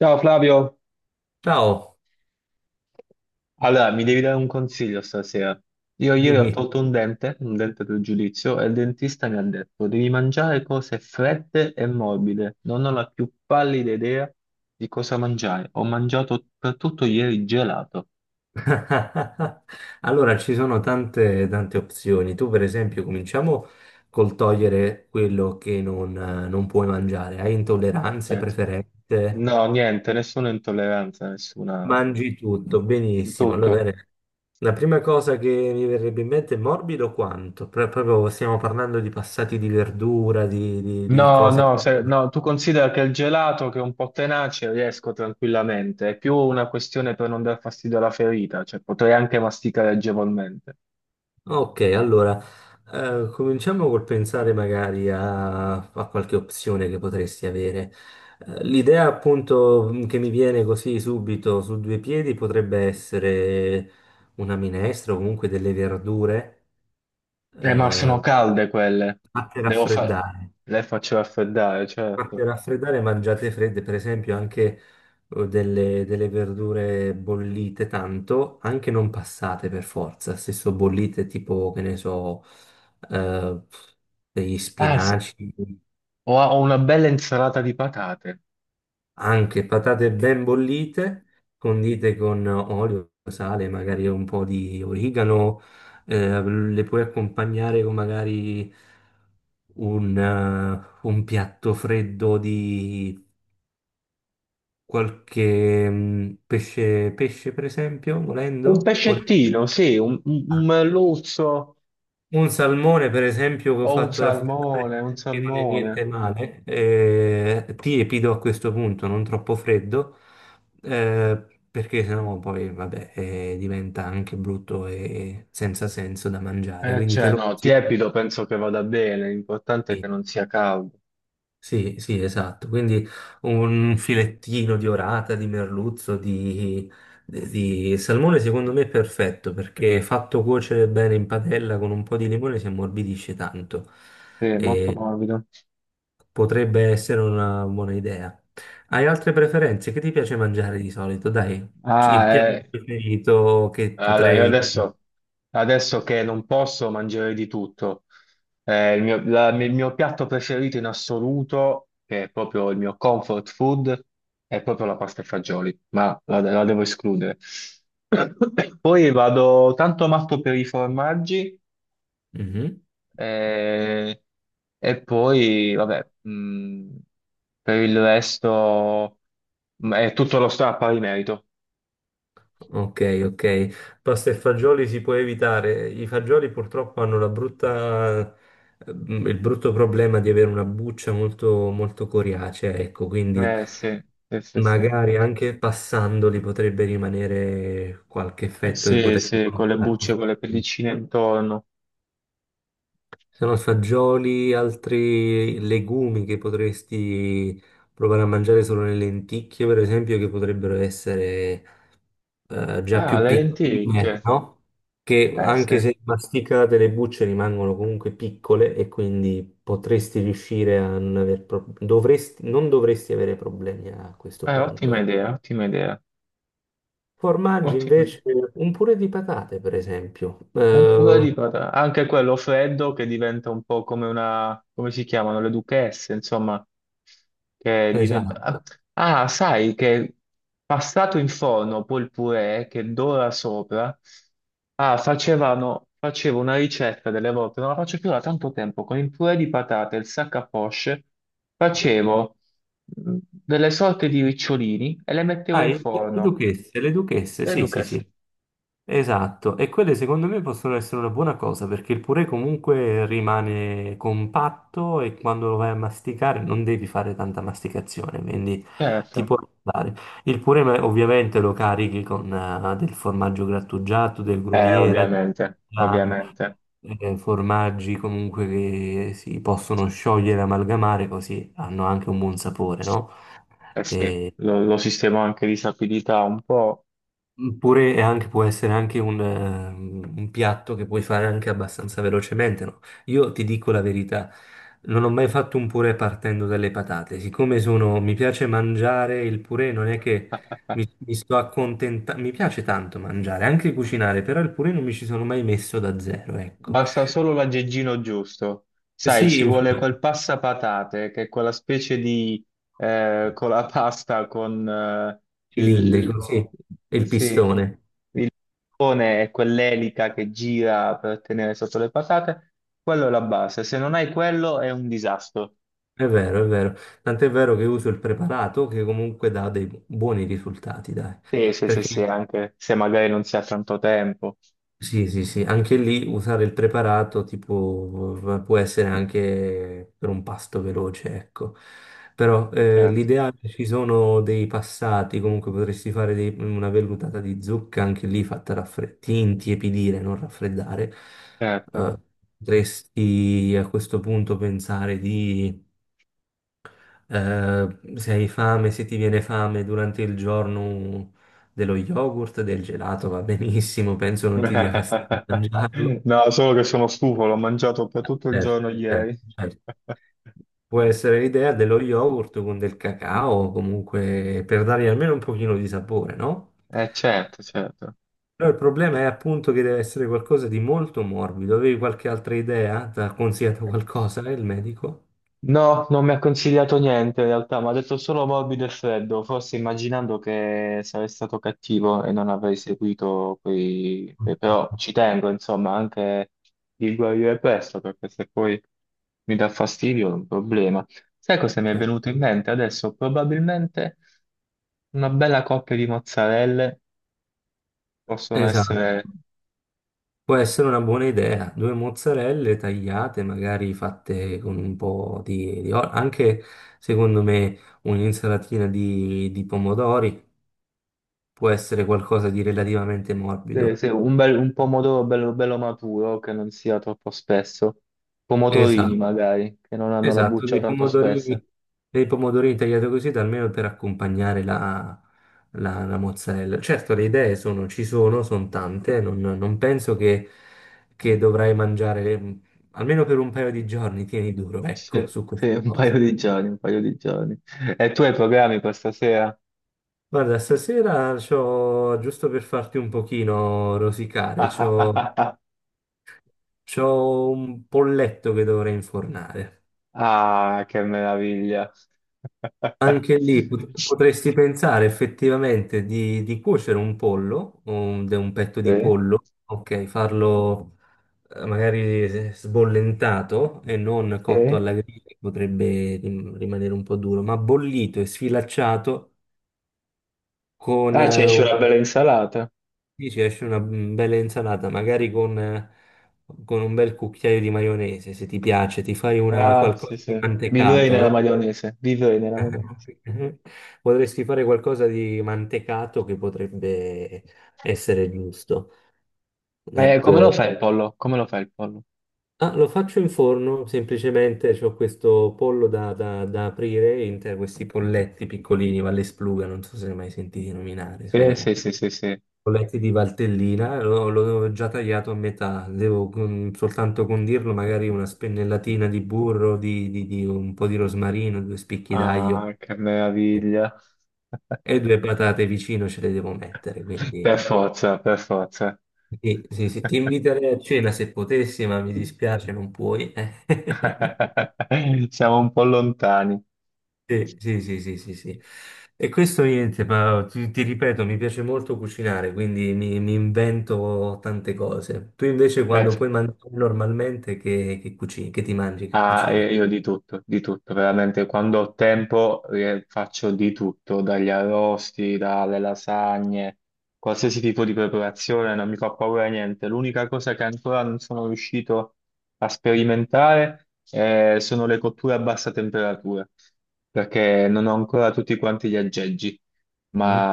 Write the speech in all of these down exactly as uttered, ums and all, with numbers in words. Ciao Flavio, Ciao, allora mi devi dare un consiglio stasera. Io ieri ho dimmi. tolto un dente, un dente del giudizio, e il dentista mi ha detto devi mangiare cose fredde e morbide. Non ho la più pallida idea di cosa mangiare. Ho mangiato per tutto ieri gelato. Allora, ci sono tante, tante opzioni. Tu, per esempio, cominciamo col togliere quello che non, non puoi mangiare. Hai intolleranze, Cioè, preferenze, no, niente, nessuna intolleranza, nessuna... mangi tutto, benissimo. Allora, Tutto. bene. La prima cosa che mi verrebbe in mente è morbido quanto? Pro- proprio stiamo parlando di passati di verdura, di, di- di No, cose. no, se- no, tu considera che il gelato che è un po' tenace riesco tranquillamente, è più una questione per non dar fastidio alla ferita, cioè potrei anche masticare agevolmente. Ok, allora eh, cominciamo col pensare magari a, a qualche opzione che potresti avere. Eh, l'idea appunto mh, che mi viene così subito su due piedi potrebbe essere una minestra o comunque delle verdure Eh, ma eh, sono calde quelle, fatte devo fare, raffreddare. le faccio raffreddare, Ma certo. per raffreddare mangiate fredde, per esempio, anche eh, delle, delle verdure bollite tanto, anche non passate per forza, stesso bollite tipo, che ne so, eh, degli Ah, s- spinaci, ho, ho una bella insalata di patate, anche patate ben bollite, condite con olio, sale, magari un po' di origano, eh, le puoi accompagnare con magari un, eh, un piatto freddo di qualche mm, pesce, pesce per esempio, un volendo, Volendo. pescettino, sì, un, un, un merluzzo Un salmone per esempio che ho o un fatto raffreddare, salmone, un che non è niente salmone. male, eh, tiepido a questo punto, non troppo freddo, eh, perché sennò poi vabbè, eh, diventa anche brutto e senza senso da mangiare, Eh, quindi te Cioè, lo no, consiglio. tiepido penso che vada bene, l'importante è che non sia caldo. Sì, sì, esatto. Quindi un filettino di orata, di merluzzo, di, di salmone, secondo me è perfetto perché fatto cuocere bene in padella con un po' di limone si ammorbidisce tanto Sì, molto e morbido. potrebbe essere una buona idea. Hai altre preferenze? Che ti piace mangiare di solito? Dai, Ah, il piatto eh, preferito che allora, io potrei... adesso, adesso che non posso mangiare di tutto. Eh, il mio, la- il mio piatto preferito in assoluto, che è proprio il mio comfort food, è proprio la pasta e fagioli, ma la, la devo escludere. Poi vado tanto matto per i formaggi Mhm. eh, e poi, vabbè, mh, per il resto mh, è tutto lo sta a pari merito. Ok, ok. Pasta e fagioli si può evitare. I fagioli purtroppo hanno la brutta, ehm, il brutto problema di avere una buccia molto, molto coriacea, ecco, quindi Eh, sì, sì, sì, sì. magari anche passandoli potrebbe rimanere qualche Eh, effetto che sì, potrebbe sì, con le bucce, portarti. con le pellicine intorno. Sono fagioli, altri legumi che potresti provare a mangiare solo le lenticchie, per esempio, che potrebbero essere eh, già Ah, più le piccoline, lenticchie. no? Che Eh sì. anche se masticate le bucce rimangono comunque piccole e quindi potresti riuscire a non aver pro- dovresti, non dovresti avere problemi a questo Eh, punto. Ottima eh. idea, ottima idea. Formaggi Ottima idea. invece, un purè di patate, per esempio. Un purè Eh, di patate, anche quello freddo che diventa un po' come una, come si chiamano, le duchesse, insomma, che diventa... esatto. Ah, ah, sai che passato in forno poi il purè che dora sopra, ah, facevano, facevo una ricetta delle volte, non la faccio più da tanto tempo, con il purè di patate e il sac à poche, facevo mh, delle sorte di ricciolini e le mettevo Ah, in i- le forno, duchesse, le duchesse, le sì, sì, duchesse, sì. Esatto, e quelle secondo me possono essere una buona cosa perché il purè comunque rimane compatto e quando lo vai a masticare non devi fare tanta masticazione, quindi ti certo, può aiutare. Il purè ma- ovviamente lo carichi con eh, del formaggio grattugiato, del eh, groviera, del ovviamente, parmigiano, ovviamente. eh, formaggi comunque che si possono sciogliere, amalgamare, così hanno anche un buon sapore, no? Eh sì, lo, lo sistema anche di sapidità un po'. Mm, Pure è anche, può essere anche un, eh, un piatto che puoi fare anche abbastanza velocemente, no? Io ti dico la verità, non ho mai fatto un purè partendo dalle patate. Siccome sono, mi piace mangiare il purè, non è che mi, mi sto accontentando, mi piace tanto mangiare, anche cucinare, però il purè non mi ci sono mai messo da zero, ecco. Basta solo l'aggeggino giusto. Sai, Sì, ci vuole infatti, quel passapatate, che è quella specie di... eh, con la pasta, con... eh, il- cilindrico, sì, e eh, il sì, pistone. pone e quell'elica che gira per tenere sotto le patate. Quello è la base. Se non hai quello è un disastro. È vero, è vero. Tant'è vero che uso il preparato che comunque dà dei buoni risultati, dai. Sì, sì, sì, sì, Perché anche se magari non si ha tanto tempo. Sì, sì, sì, anche lì usare il preparato tipo eh, può essere anche per un pasto veloce, ecco. Però eh, Certo, l'ideale ci sono dei passati, comunque potresti fare dei- una vellutata di zucca anche lì fatta raffreddare, intiepidire, non raffreddare. certo. Eh, potresti a questo punto pensare di eh, se hai fame, se ti viene fame durante il giorno dello yogurt, del gelato va benissimo, penso non ti dia fastidio mangiarlo. No, solo che sono stufo, l'ho mangiato per tutto il Certo, giorno certo, ieri. certo. Può essere l'idea dello yogurt con del cacao, comunque per dargli almeno un pochino di sapore, no? Eh, certo, certo. Però il problema è appunto che deve essere qualcosa di molto morbido. Avevi qualche altra idea? Ti ha consigliato qualcosa il medico? No, non mi ha consigliato niente in realtà, mi ha detto solo morbido e freddo, forse immaginando che sarei stato cattivo e non avrei seguito quei... quei- Però ci tengo, insomma, anche di guarire presto, perché se poi mi dà fastidio è un problema. Sai cosa mi è Cioè, venuto in mente adesso? Probabilmente una bella coppia di mozzarelle. Possono esatto. essere, Può essere una buona idea, due mozzarelle tagliate, magari fatte con un po' di, di olio, anche secondo me un'insalatina di, di pomodori può essere qualcosa di relativamente eh, morbido. se un, bel- un pomodoro bello, bello maturo che non sia troppo spesso, pomodorini Esatto, magari che non hanno la esatto, buccia dei tanto spessa. pomodorini, dei pomodorini tagliati così, almeno per accompagnare la, la- la mozzarella. Certo, le idee sono, ci sono, sono tante, non, non penso che, che dovrai mangiare, mm, almeno per un paio di giorni, tieni duro, ecco, Sì, su sì, queste un paio cose. di giorni, un paio di giorni. E tu hai programmi per stasera? Guarda, stasera c'ho, giusto per farti un pochino rosicare, c'ho, c'ho un polletto che dovrei infornare. Ah, che meraviglia! Anche lì pot- potresti pensare effettivamente di, di cuocere un pollo, un, de- un petto Sì, di pollo, ok, farlo eh, magari eh, sbollentato e non cotto sì. alla griglia, che potrebbe rim- rimanere un po' duro, ma bollito e sfilacciato con Ah, ci esce una bella insalata. Sì, ci esce una mm, bella insalata, magari con, eh, con un bel cucchiaio di maionese, se ti piace, ti fai una, Ah, sì, qualcosa di sì. Vivrei mantecato, nella no? maionese, vivrei nella maionese. Potresti fare qualcosa di mantecato che potrebbe essere giusto. Eh, come lo Ecco. fai il pollo? Come lo fai il pollo? Ah, lo faccio in forno, semplicemente ho questo pollo da, da- da aprire, in te- questi polletti piccolini, Valles Pluga, non so se ne hai mai sentiti nominare. Sì, sì, sì, sì, sì. Ho letti di Valtellina, l'ho l'ho già tagliato a metà, devo con- soltanto condirlo magari una spennellatina di burro, di, di- di un po' di rosmarino, due spicchi d'aglio Ah, che meraviglia. e due patate vicino ce le devo mettere, quindi Per forza, per forza. sì, sì, sì, ti inviterei a cena se potessi, ma mi dispiace non puoi. eh. Siamo un po' lontani. Sì, sì, sì, sì, sì, sì. E questo niente, ma ti, ti ripeto, mi piace molto cucinare, quindi mi, mi invento tante cose. Tu invece quando Eh, puoi mangiare normalmente che, che cucini, che ti mangi, che Ah, cucini? eh, io di tutto, di tutto, veramente quando ho tempo eh, faccio di tutto, dagli arrosti, dalle lasagne, qualsiasi tipo di preparazione, non mi fa paura niente. L'unica cosa che ancora non sono riuscito a sperimentare eh, sono le cotture a bassa temperatura, perché non ho ancora tutti quanti gli aggeggi. Mhm.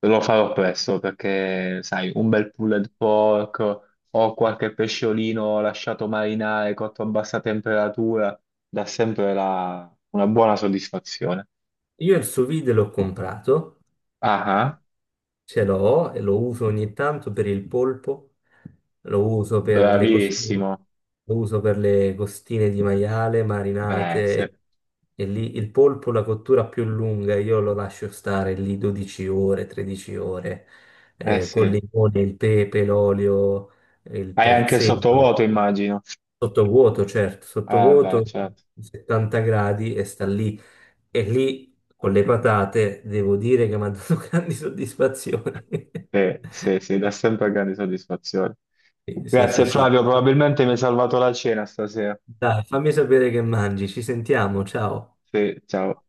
Devo farlo presto perché, sai, un bel pulled pork o qualche pesciolino lasciato marinare cotto a bassa temperatura dà sempre la- una buona soddisfazione. Io il sous vide l'ho comprato. Ah, ah, Ce l'ho e lo uso ogni tanto per il polpo, lo uso per le costine, bravissimo. lo uso per le costine di maiale Eh sì, marinate e lì il polpo, la cottura più lunga, io lo lascio stare lì dodici ore, tredici ore, eh eh, col sì. limone, il pepe, l'olio, il Hai anche il prezzemolo, sottovuoto, immagino. sottovuoto, certo, Eh beh, sottovuoto, certo. settanta gradi e sta lì. E lì con le patate devo dire che mi ha dato grandi soddisfazioni. Sì, sì, sì, dà sempre grandi soddisfazioni. Sì, sì, sì. Grazie Sì. Flavio, probabilmente mi hai salvato la cena stasera. Dai, fammi sapere che mangi. Ci sentiamo, ciao. Sì, ciao.